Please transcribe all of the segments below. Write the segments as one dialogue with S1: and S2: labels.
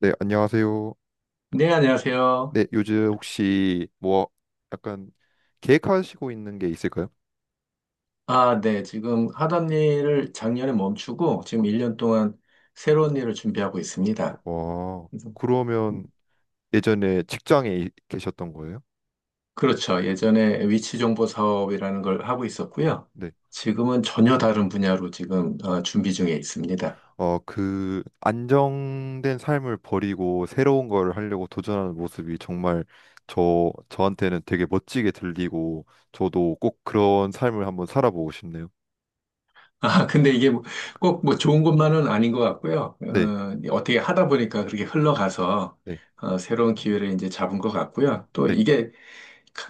S1: 네, 안녕하세요.
S2: 네, 안녕하세요.
S1: 네, 요즘 혹시 뭐 약간 계획하시고 있는 게 있을까요?
S2: 아, 네. 지금 하던 일을 작년에 멈추고 지금 1년 동안 새로운 일을 준비하고 있습니다.
S1: 와,
S2: 그래서,
S1: 그러면
S2: 음,
S1: 예전에 직장에 계셨던 거예요?
S2: 그렇죠. 예전에 위치 정보 사업이라는 걸 하고 있었고요.
S1: 네.
S2: 지금은 전혀 다른 분야로 지금 준비 중에 있습니다.
S1: 어, 그 안정된 삶을 버리고 새로운 걸 하려고 도전하는 모습이 정말 저한테는 되게 멋지게 들리고 저도 꼭 그런 삶을 한번 살아보고 싶네요.
S2: 아, 근데 이게 뭐 꼭뭐 좋은 것만은 아닌 것 같고요.
S1: 네.
S2: 어떻게 하다 보니까 그렇게 흘러가서
S1: 네.
S2: 새로운 기회를 이제 잡은 것 같고요. 또
S1: 네.
S2: 이게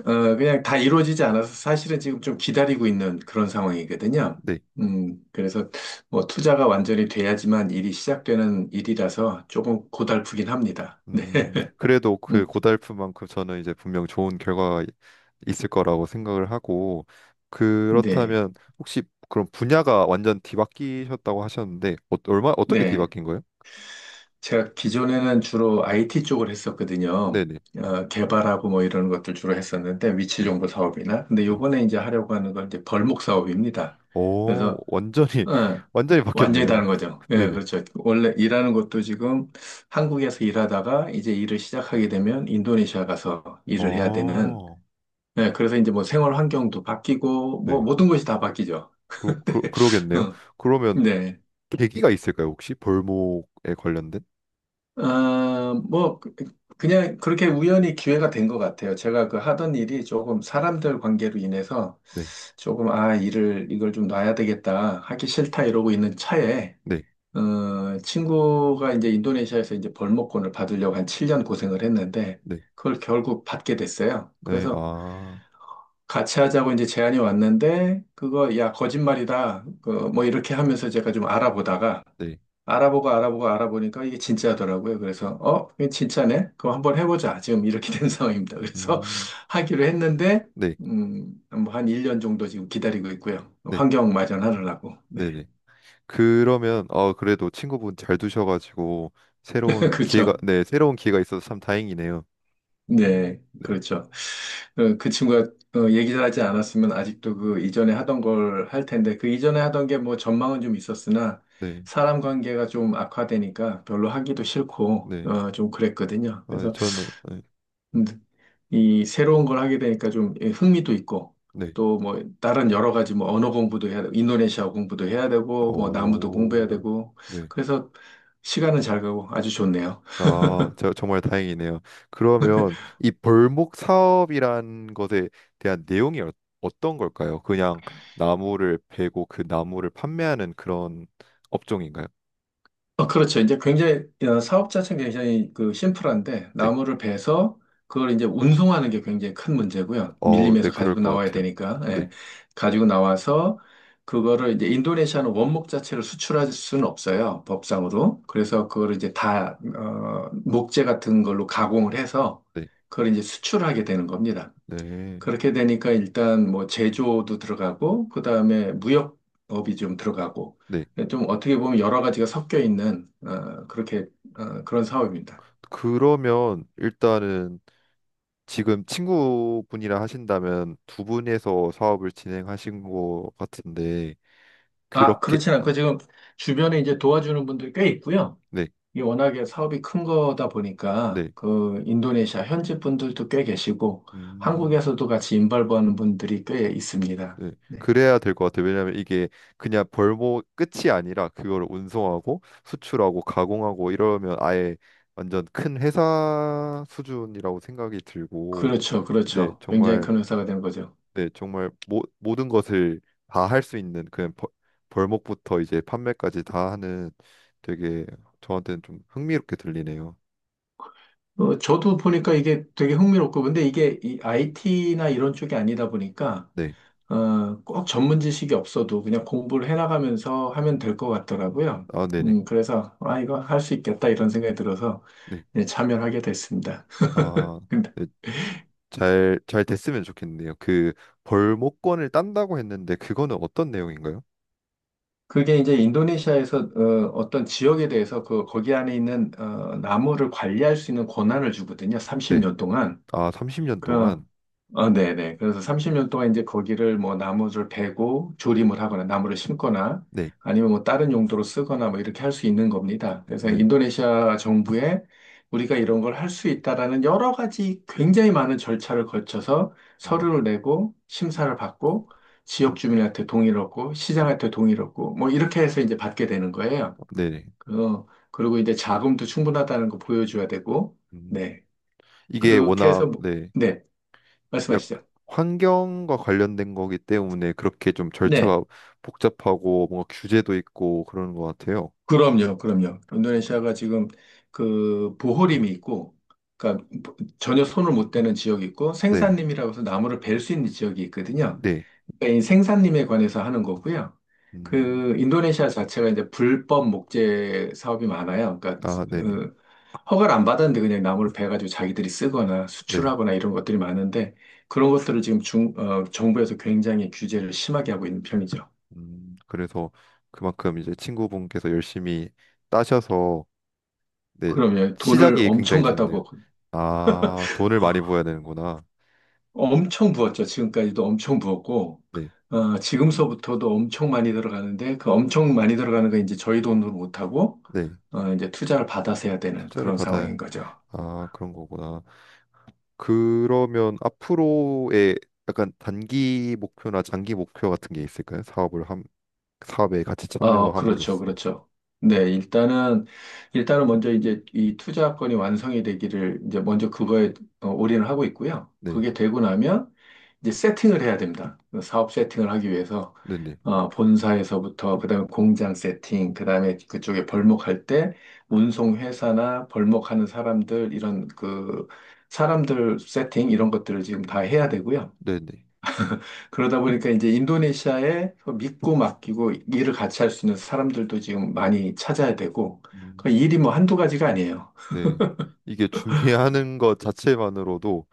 S2: 그냥 다 이루어지지 않아서 사실은 지금 좀 기다리고 있는 그런 상황이거든요.
S1: 네.
S2: 그래서 뭐 투자가 완전히 돼야지만 일이 시작되는 일이라서 조금 고달프긴 합니다. 네.
S1: 그래도 그
S2: 음,
S1: 고달프만큼 저는 이제 분명 좋은 결과가 있을 거라고 생각을 하고
S2: 네.
S1: 그렇다면 혹시 그럼 분야가 완전 뒤바뀌셨다고 하셨는데 어, 얼마 어떻게
S2: 네.
S1: 뒤바뀐 거예요?
S2: 제가 기존에는 주로 IT 쪽을 했었거든요.
S1: 네네.
S2: 개발하고 뭐 이런 것들 주로 했었는데 위치
S1: 네.
S2: 정보 사업이나. 근데
S1: 네.
S2: 요번에 이제 하려고 하는 건 이제 벌목 사업입니다.
S1: 오,
S2: 그래서
S1: 완전히
S2: 예,
S1: 완전히
S2: 완전히 다른
S1: 바뀌었네요.
S2: 거죠. 예,
S1: 네네.
S2: 그렇죠. 원래 일하는 것도 지금 한국에서 일하다가 이제 일을 시작하게 되면 인도네시아 가서 일을 해야 되는,
S1: 어,
S2: 예, 그래서 이제 뭐 생활 환경도 바뀌고, 뭐
S1: 네.
S2: 모든 것이 다 바뀌죠.
S1: 그러, 그러, 그러겠네요.
S2: 응,
S1: 그러면
S2: 네.
S1: 계기가 있을까요, 혹시? 벌목에 관련된?
S2: 아 뭐, 그냥 그렇게 우연히 기회가 된 것 같아요. 제가 그 하던 일이 조금 사람들 관계로 인해서
S1: 네,
S2: 조금, 아, 일을, 이걸 좀 놔야 되겠다, 하기 싫다 이러고 있는 차에
S1: 네,
S2: 친구가 이제 인도네시아에서 이제 벌목권을 받으려고 한 7년 고생을 했는데,
S1: 네,
S2: 그걸 결국 받게 됐어요.
S1: 네,
S2: 그래서
S1: 아,
S2: 같이 하자고 이제 제안이 왔는데, 그거, 야, 거짓말이다. 그, 뭐 이렇게 하면서 제가 좀 알아보다가,
S1: 네,
S2: 알아보고 알아보고 알아보니까 이게 진짜더라고요. 그래서, 이게 진짜네? 그럼 한번 해보자. 지금 이렇게 된 상황입니다. 그래서
S1: 음,
S2: 하기로 했는데,
S1: 네,
S2: 뭐한 1년 정도 지금 기다리고 있고요.
S1: 네,
S2: 환경 마련하려고. 네.
S1: 네네. 그러면 어, 그래도 친구분 잘 두셔가지고
S2: 그렇죠.
S1: 새로운 기회가 있어서 참 다행이네요.
S2: 네,
S1: 네.
S2: 그렇죠. 그 친구가 얘기를 하지 않았으면 아직도 그 이전에 하던 걸 할 텐데, 그 이전에 하던 게 뭐 전망은 좀 있었으나,
S1: 네.
S2: 사람 관계가 좀 악화되니까 별로 하기도 싫고,
S1: 네.
S2: 좀 그랬거든요.
S1: 아,
S2: 그래서
S1: 저는 네.
S2: 음, 이 새로운 걸 하게 되니까 좀 예, 흥미도 있고,
S1: 네.
S2: 또 뭐 다른 여러 가지 뭐 언어 공부도 해야 되고, 인도네시아 공부도 해야 되고, 뭐 나무도 공부해야
S1: 오.
S2: 되고,
S1: 네.
S2: 그래서 시간은 잘 가고 아주 좋네요.
S1: 아, 저 정말 다행이네요. 그러면 이 벌목 사업이란 것에 대한 내용이 어, 어떤 걸까요? 그냥 나무를 베고 그 나무를 판매하는 그런 업종인가요?
S2: 그렇죠. 이제 굉장히, 사업 자체는 굉장히 그 심플한데,
S1: 네.
S2: 나무를 베서 그걸 이제 운송하는 게 굉장히 큰 문제고요.
S1: 어, 네,
S2: 밀림에서
S1: 그럴
S2: 가지고
S1: 것
S2: 나와야
S1: 같아요.
S2: 되니까,
S1: 네.
S2: 예. 가지고 나와서 그거를 이제 인도네시아는 원목 자체를 수출할 수는 없어요. 법상으로. 그래서 그거를 이제 다, 목재 같은 걸로 가공을 해서
S1: 네.
S2: 그걸 이제 수출하게 되는 겁니다.
S1: 네.
S2: 그렇게 되니까 일단 뭐 제조도 들어가고, 그 다음에 무역업이 좀 들어가고,
S1: 네.
S2: 좀 어떻게 보면 여러 가지가 섞여 있는, 그렇게, 그런 사업입니다.
S1: 그러면 일단은 지금 친구분이랑 하신다면 두 분에서 사업을 진행하신 것 같은데
S2: 아,
S1: 그렇게.
S2: 그렇진 않고 지금 주변에 이제 도와주는 분들이 꽤 있고요.
S1: 네,
S2: 이게 워낙에 사업이 큰 거다 보니까,
S1: 네.
S2: 그, 인도네시아 현지 분들도 꽤 계시고,
S1: 음.
S2: 한국에서도 같이 인발부하는 분들이 꽤 있습니다.
S1: 네.
S2: 네.
S1: 그래야 될 것 같아요. 왜냐하면 이게 그냥 벌목 끝이 아니라 그걸 운송하고 수출하고 가공하고 이러면 아예 완전 큰 회사 수준이라고 생각이 들고
S2: 그렇죠,
S1: 네,
S2: 그렇죠. 굉장히
S1: 정말
S2: 큰 회사가 된 거죠.
S1: 네, 정말 모든 것을 다 할 수 있는 그런 벌목부터 이제 판매까지 다 하는 되게 저한테는 좀 흥미롭게 들리네요.
S2: 저도 보니까 이게 되게 흥미롭고, 근데 이게 이 IT나 이런 쪽이 아니다 보니까,
S1: 네.
S2: 꼭 전문 지식이 없어도 그냥 공부를 해나가면서 하면 될 것 같더라고요.
S1: 아, 네네.
S2: 그래서, 아, 이거 할 수 있겠다 이런 생각이 들어서
S1: 네.
S2: 네, 참여하게 됐습니다.
S1: 아,
S2: 근데
S1: 네. 잘 됐으면 좋겠네요. 그 벌목권을 딴다고 했는데 그거는 어떤 내용인가요?
S2: 그게 이제 인도네시아에서 떤 지역에 대해서 그, 거기 안에 있는 나무를 관리할 수 있는 권한을 주거든요.
S1: 네.
S2: 30년 동안.
S1: 아, 30년
S2: 그,
S1: 동안.
S2: 네네. 그래서 30년 동안 이제 거기를 뭐 나무를 베고 조림을 하거나 나무를 심거나
S1: 네.
S2: 아니면 뭐 다른 용도로 쓰거나 뭐 이렇게 할 수 있는 겁니다. 그래서
S1: 네.
S2: 인도네시아 정부에 우리가 이런 걸 할 수 있다라는 여러 가지 굉장히 많은 절차를 거쳐서
S1: 음,
S2: 서류를 내고 심사를 받고 지역 주민한테 동의를 얻고 시장한테 동의를 얻고 뭐 이렇게 해서 이제 받게 되는 거예요.
S1: 아, 네네.
S2: 그, 그리고 이제 자금도 충분하다는 거 보여줘야 되고
S1: 음,
S2: 네.
S1: 이게
S2: 그렇게 해서
S1: 워낙
S2: 뭐-
S1: 네.
S2: 네.
S1: 약
S2: 말씀하시죠.
S1: 환경과 관련된 거기 때문에 그렇게 좀
S2: 네.
S1: 절차가 복잡하고 뭔가 규제도 있고 그러는 것 같아요.
S2: 그럼요, 그럼요. 인도네시아가 지금 그 보호림이 있고, 그러니까 전혀 손을 못 대는 지역이 있고,
S1: 네,
S2: 생산림이라고 해서 나무를 벨 수 있는 지역이 있거든요.
S1: 네,
S2: 그러니까 이 생산림에 관해서 하는 거고요.
S1: 음,
S2: 그 인도네시아 자체가 이제 불법 목재 사업이 많아요. 그러니까
S1: 아, 네네,
S2: 어, 허가를 안 받았는데 그냥 나무를 베가지고 자기들이 쓰거나
S1: 네,
S2: 수출하거나 이런 것들이 많은데 그런 것들을 지금 정부에서 굉장히 규제를 심하게 하고 있는 편이죠.
S1: 그래서 그만큼 이제 친구분께서 열심히 따셔서 네
S2: 그러면 돈을
S1: 시작이 굉장히
S2: 엄청 갖다
S1: 좋네요.
S2: 부-
S1: 아, 돈을 많이 부어야 되는구나.
S2: 엄청 부었죠. 지금까지도 엄청 부었고,
S1: 네,
S2: 지금서부터도 엄청 많이 들어가는데, 그 엄청 많이 들어가는 건 이제 저희 돈으로 못하고,
S1: 네,
S2: 이제 투자를 받아서 해야 되는
S1: 투자를
S2: 그런
S1: 받아야
S2: 상황인 거죠.
S1: 아 그런 거구나. 그러면 앞으로의 약간 단기 목표나 장기 목표 같은 게 있을까요? 사업을 함 사업에 같이
S2: 그렇죠,
S1: 참여함으로써
S2: 그렇죠. 네, 일단은 먼저 이제 이 투자건이 완성이 되기를 이제 먼저 그거에 올인을 하고 있고요.
S1: 네,
S2: 그게 되고 나면 이제 세팅을 해야 됩니다. 사업 세팅을 하기 위해서,
S1: 네네,
S2: 본사에서부터, 그다음에 공장 세팅, 그다음에 그쪽에 벌목할 때 운송회사나 벌목하는 사람들, 이런 그 사람들 세팅, 이런 것들을 지금 다 해야 되고요.
S1: 네네,
S2: 그러다 보니까 이제 인도네시아에 믿고 맡기고 일을 같이 할 수 있는 사람들도 지금 많이 찾아야 되고, 그
S1: 음,
S2: 일이 뭐 한두 가지가 아니에요.
S1: 네. 이게 준비하는 것 자체만으로도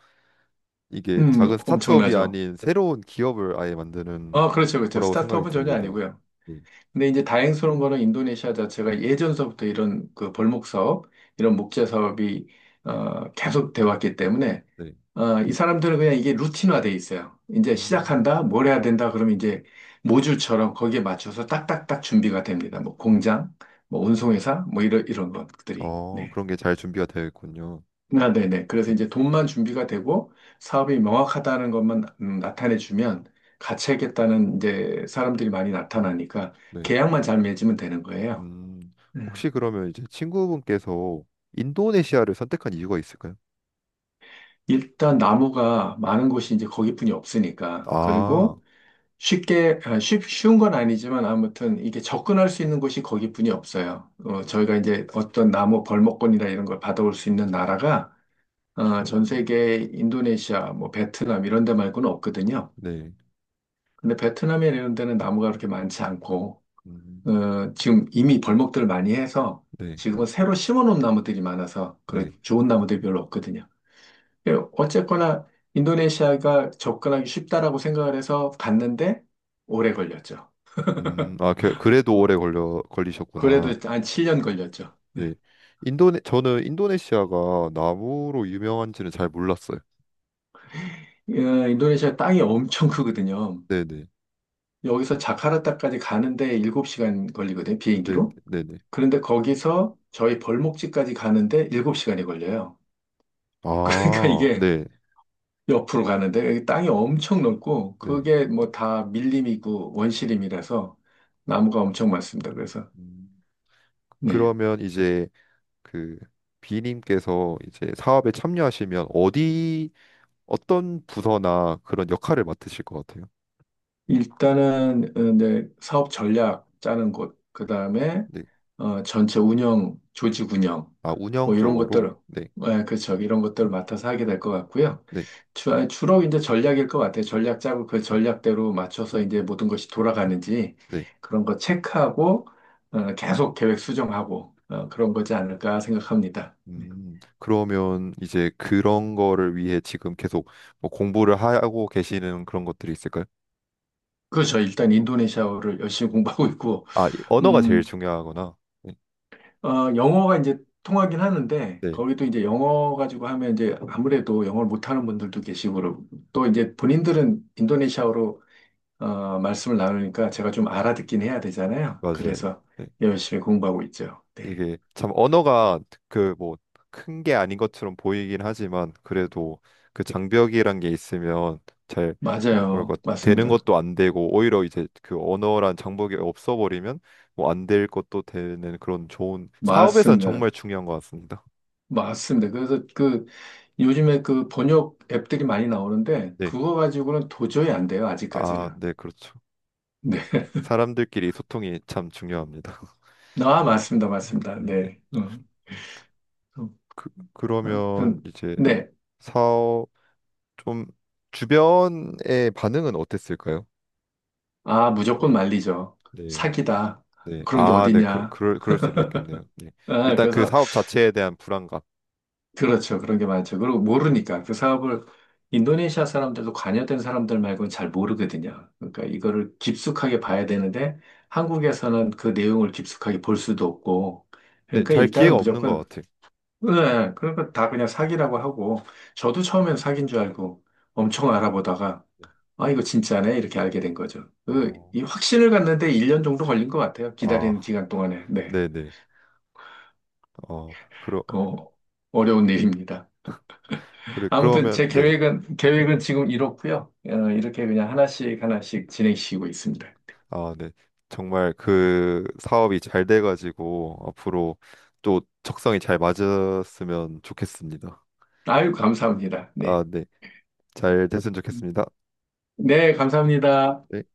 S1: 이게 작은 스타트업이
S2: 엄청나죠.
S1: 아닌 새로운 기업을 아예 만드는
S2: 아, 그렇죠, 그렇죠.
S1: 거라고 생각이
S2: 스타트업은 전혀
S1: 듭니다.
S2: 아니고요.
S1: 네,
S2: 근데 이제 다행스러운 거는 인도네시아 자체가 예전서부터 이런 그 벌목 사업, 이런 목재 사업이 계속 돼 왔기 때문에
S1: 네.
S2: 이 사람들은 그냥 이게 루틴화돼 있어요. 이제
S1: 음,
S2: 시작한다, 뭘 해야 된다, 그러면 이제 모듈처럼 거기에 맞춰서 딱딱딱 준비가 됩니다. 뭐 공장, 뭐 운송회사, 뭐 이런 이런 것들이.
S1: 어,
S2: 네.
S1: 그런 게 잘 준비가 되어 있군요.
S2: 아, 네네. 그래서
S1: 네,
S2: 이제 돈만 준비가 되고 사업이 명확하다는 것만 나타내주면 같이 하겠다는 이제 사람들이 많이 나타나니까
S1: 네.
S2: 계약만 잘 맺으면 되는 거예요.
S1: 음,
S2: 음.
S1: 혹시 그러면 이제 친구분께서 인도네시아를 선택한 이유가 있을까요?
S2: 일단 나무가 많은 곳이 이제 거기뿐이 없으니까.
S1: 아,
S2: 그리고 쉽게, 아, 쉽, 쉬운 건 아니지만 아무튼 이게 접근할 수 있는 곳이 거기뿐이 없어요. 저희가 이제 어떤 나무 벌목권이나 이런 걸 받아올 수 있는 나라가 전 세계 인도네시아, 뭐 베트남 이런 데 말고는 없거든요.
S1: 네,
S2: 근데 베트남이나 이런 데는 나무가 그렇게 많지 않고,
S1: 음,
S2: 지금 이미 벌목들을 많이 해서
S1: 네,
S2: 지금은 새로 심어놓은 나무들이 많아서 그래
S1: 네.
S2: 좋은 나무들이 별로 없거든요. 예, 어쨌거나 인도네시아가 접근하기 쉽다라고 생각을 해서 갔는데 오래 걸렸죠.
S1: 아, 그래도
S2: 어,
S1: 오래 걸려
S2: 그래도
S1: 걸리셨구나.
S2: 한 7년 걸렸죠. 네.
S1: 네. 인도네 저는 인도네시아가 나무로 유명한지는 잘 몰랐어요.
S2: 예, 인도네시아 땅이 엄청 크거든요.
S1: 네, 네.
S2: 여기서 자카르타까지 가는데 7시간 걸리거든요,
S1: 네,
S2: 비행기로.
S1: 네, 네.
S2: 그런데 거기서 저희 벌목지까지 가는데 7시간이 걸려요. 그러니까
S1: 아,
S2: 이게
S1: 네.
S2: 옆으로 가는데 여기 땅이 엄청 넓고
S1: 네.
S2: 그게 뭐 다 밀림이고 원시림이라서 나무가 엄청 많습니다. 그래서
S1: 음,
S2: 네.
S1: 그러면 이제 그 비님께서 이제 사업에 참여하시면 어디 어떤 부서나 그런 역할을 맡으실 것 같아요?
S2: 일단은 이제 사업 전략 짜는 곳, 그 다음에
S1: 네.
S2: 전체 운영, 조직 운영,
S1: 아, 운영
S2: 뭐 이런
S1: 쪽으로.
S2: 것들,
S1: 네.
S2: 예, 그렇죠. 이런 것들을 맡아서 하게 될 것 같고요.
S1: 네.
S2: 주, 아니, 주로 이제 전략일 것 같아요. 전략 짜고 그 전략대로 맞춰서 이제 모든 것이 돌아가는지
S1: 네.
S2: 그런 거 체크하고 계속 계획 수정하고 그런 거지 않을까 생각합니다.
S1: 그러면 이제 그런 거를 위해 지금 계속 뭐 공부를 하고 계시는 그런 것들이 있을까요?
S2: 그렇죠. 일단 인도네시아어를 열심히 공부하고 있고,
S1: 아, 이 언어가
S2: 음,
S1: 제일 중요하구나. 네,
S2: 영어가 이제 통하긴 하는데,
S1: 네,
S2: 거기도 이제 영어 가지고 하면 이제 아무래도 영어를 못하는 분들도 계시고, 그러고 또 이제 본인들은 인도네시아어로 말씀을 나누니까 제가 좀 알아듣긴 해야 되잖아요.
S1: 맞아요.
S2: 그래서
S1: 네,
S2: 열심히 공부하고 있죠. 네.
S1: 이게 참 언어가 그 뭐 큰 게 아닌 것처럼 보이긴 하지만 그래도 그 장벽이란 게 있으면 잘 뭐랄까
S2: 맞아요.
S1: 되는
S2: 맞습니다.
S1: 것도 안 되고 오히려 이제 그 언어란 장벽이 없어버리면 뭐 안 될 것도 되는 그런 좋은 사업에선 정말
S2: 맞습니다.
S1: 중요한 것 같습니다.
S2: 맞습니다. 그래서 그 요즘에 그 번역 앱들이 많이 나오는데,
S1: 네,
S2: 그거 가지고는 도저히 안 돼요.
S1: 아,
S2: 아직까지는.
S1: 네, 그렇죠.
S2: 네.
S1: 사람들끼리 소통이 참 중요합니다.
S2: 아, 맞습니다. 맞습니다.
S1: 네.
S2: 네. 어,
S1: 그러면
S2: 아무튼,
S1: 이제
S2: 네.
S1: 사업 좀 주변의 반응은 어땠을까요?
S2: 아, 무조건 말리죠.
S1: 네.
S2: 사기다.
S1: 네.
S2: 그런 게
S1: 아, 네.
S2: 어디냐.
S1: 그럴 수도 있겠네요. 네.
S2: 아,
S1: 일단 그
S2: 그래서,
S1: 사업 자체에 대한 불안감.
S2: 그렇죠. 그런 게 많죠. 그리고 모르니까 그 사업을 인도네시아 사람들도 관여된 사람들 말고는 잘 모르거든요. 그러니까 이거를 깊숙하게 봐야 되는데 한국에서는 그 내용을 깊숙하게 볼 수도 없고.
S1: 네.
S2: 그러니까
S1: 잘 기회가
S2: 일단은
S1: 없는 것
S2: 무조건,
S1: 같아요.
S2: 네, 그러니까 다 그냥 사기라고 하고. 저도 처음엔 사기인 줄 알고 엄청 알아보다가
S1: 네.
S2: 아, 이거 진짜네. 이렇게 알게 된 거죠. 그,
S1: 어.
S2: 이 확신을 갖는데 1년 정도 걸린 것 같아요. 기다리는
S1: 아.
S2: 기간 동안에. 네.
S1: 네, 네. 어. 그러
S2: 어, 어려운 일입니다.
S1: 그래
S2: 아무튼
S1: 그러면
S2: 제
S1: 네.
S2: 계획은 지금 이렇고요. 이렇게 그냥 하나씩 하나씩 진행시키고 있습니다.
S1: 아, 네. 정말 그 사업이 잘 돼 가지고 앞으로 또 적성이 잘 맞았으면 좋겠습니다.
S2: 아유, 감사합니다.
S1: 아,
S2: 네.
S1: 네. 잘 됐으면 좋겠습니다.
S2: 네, 감사합니다.
S1: 네.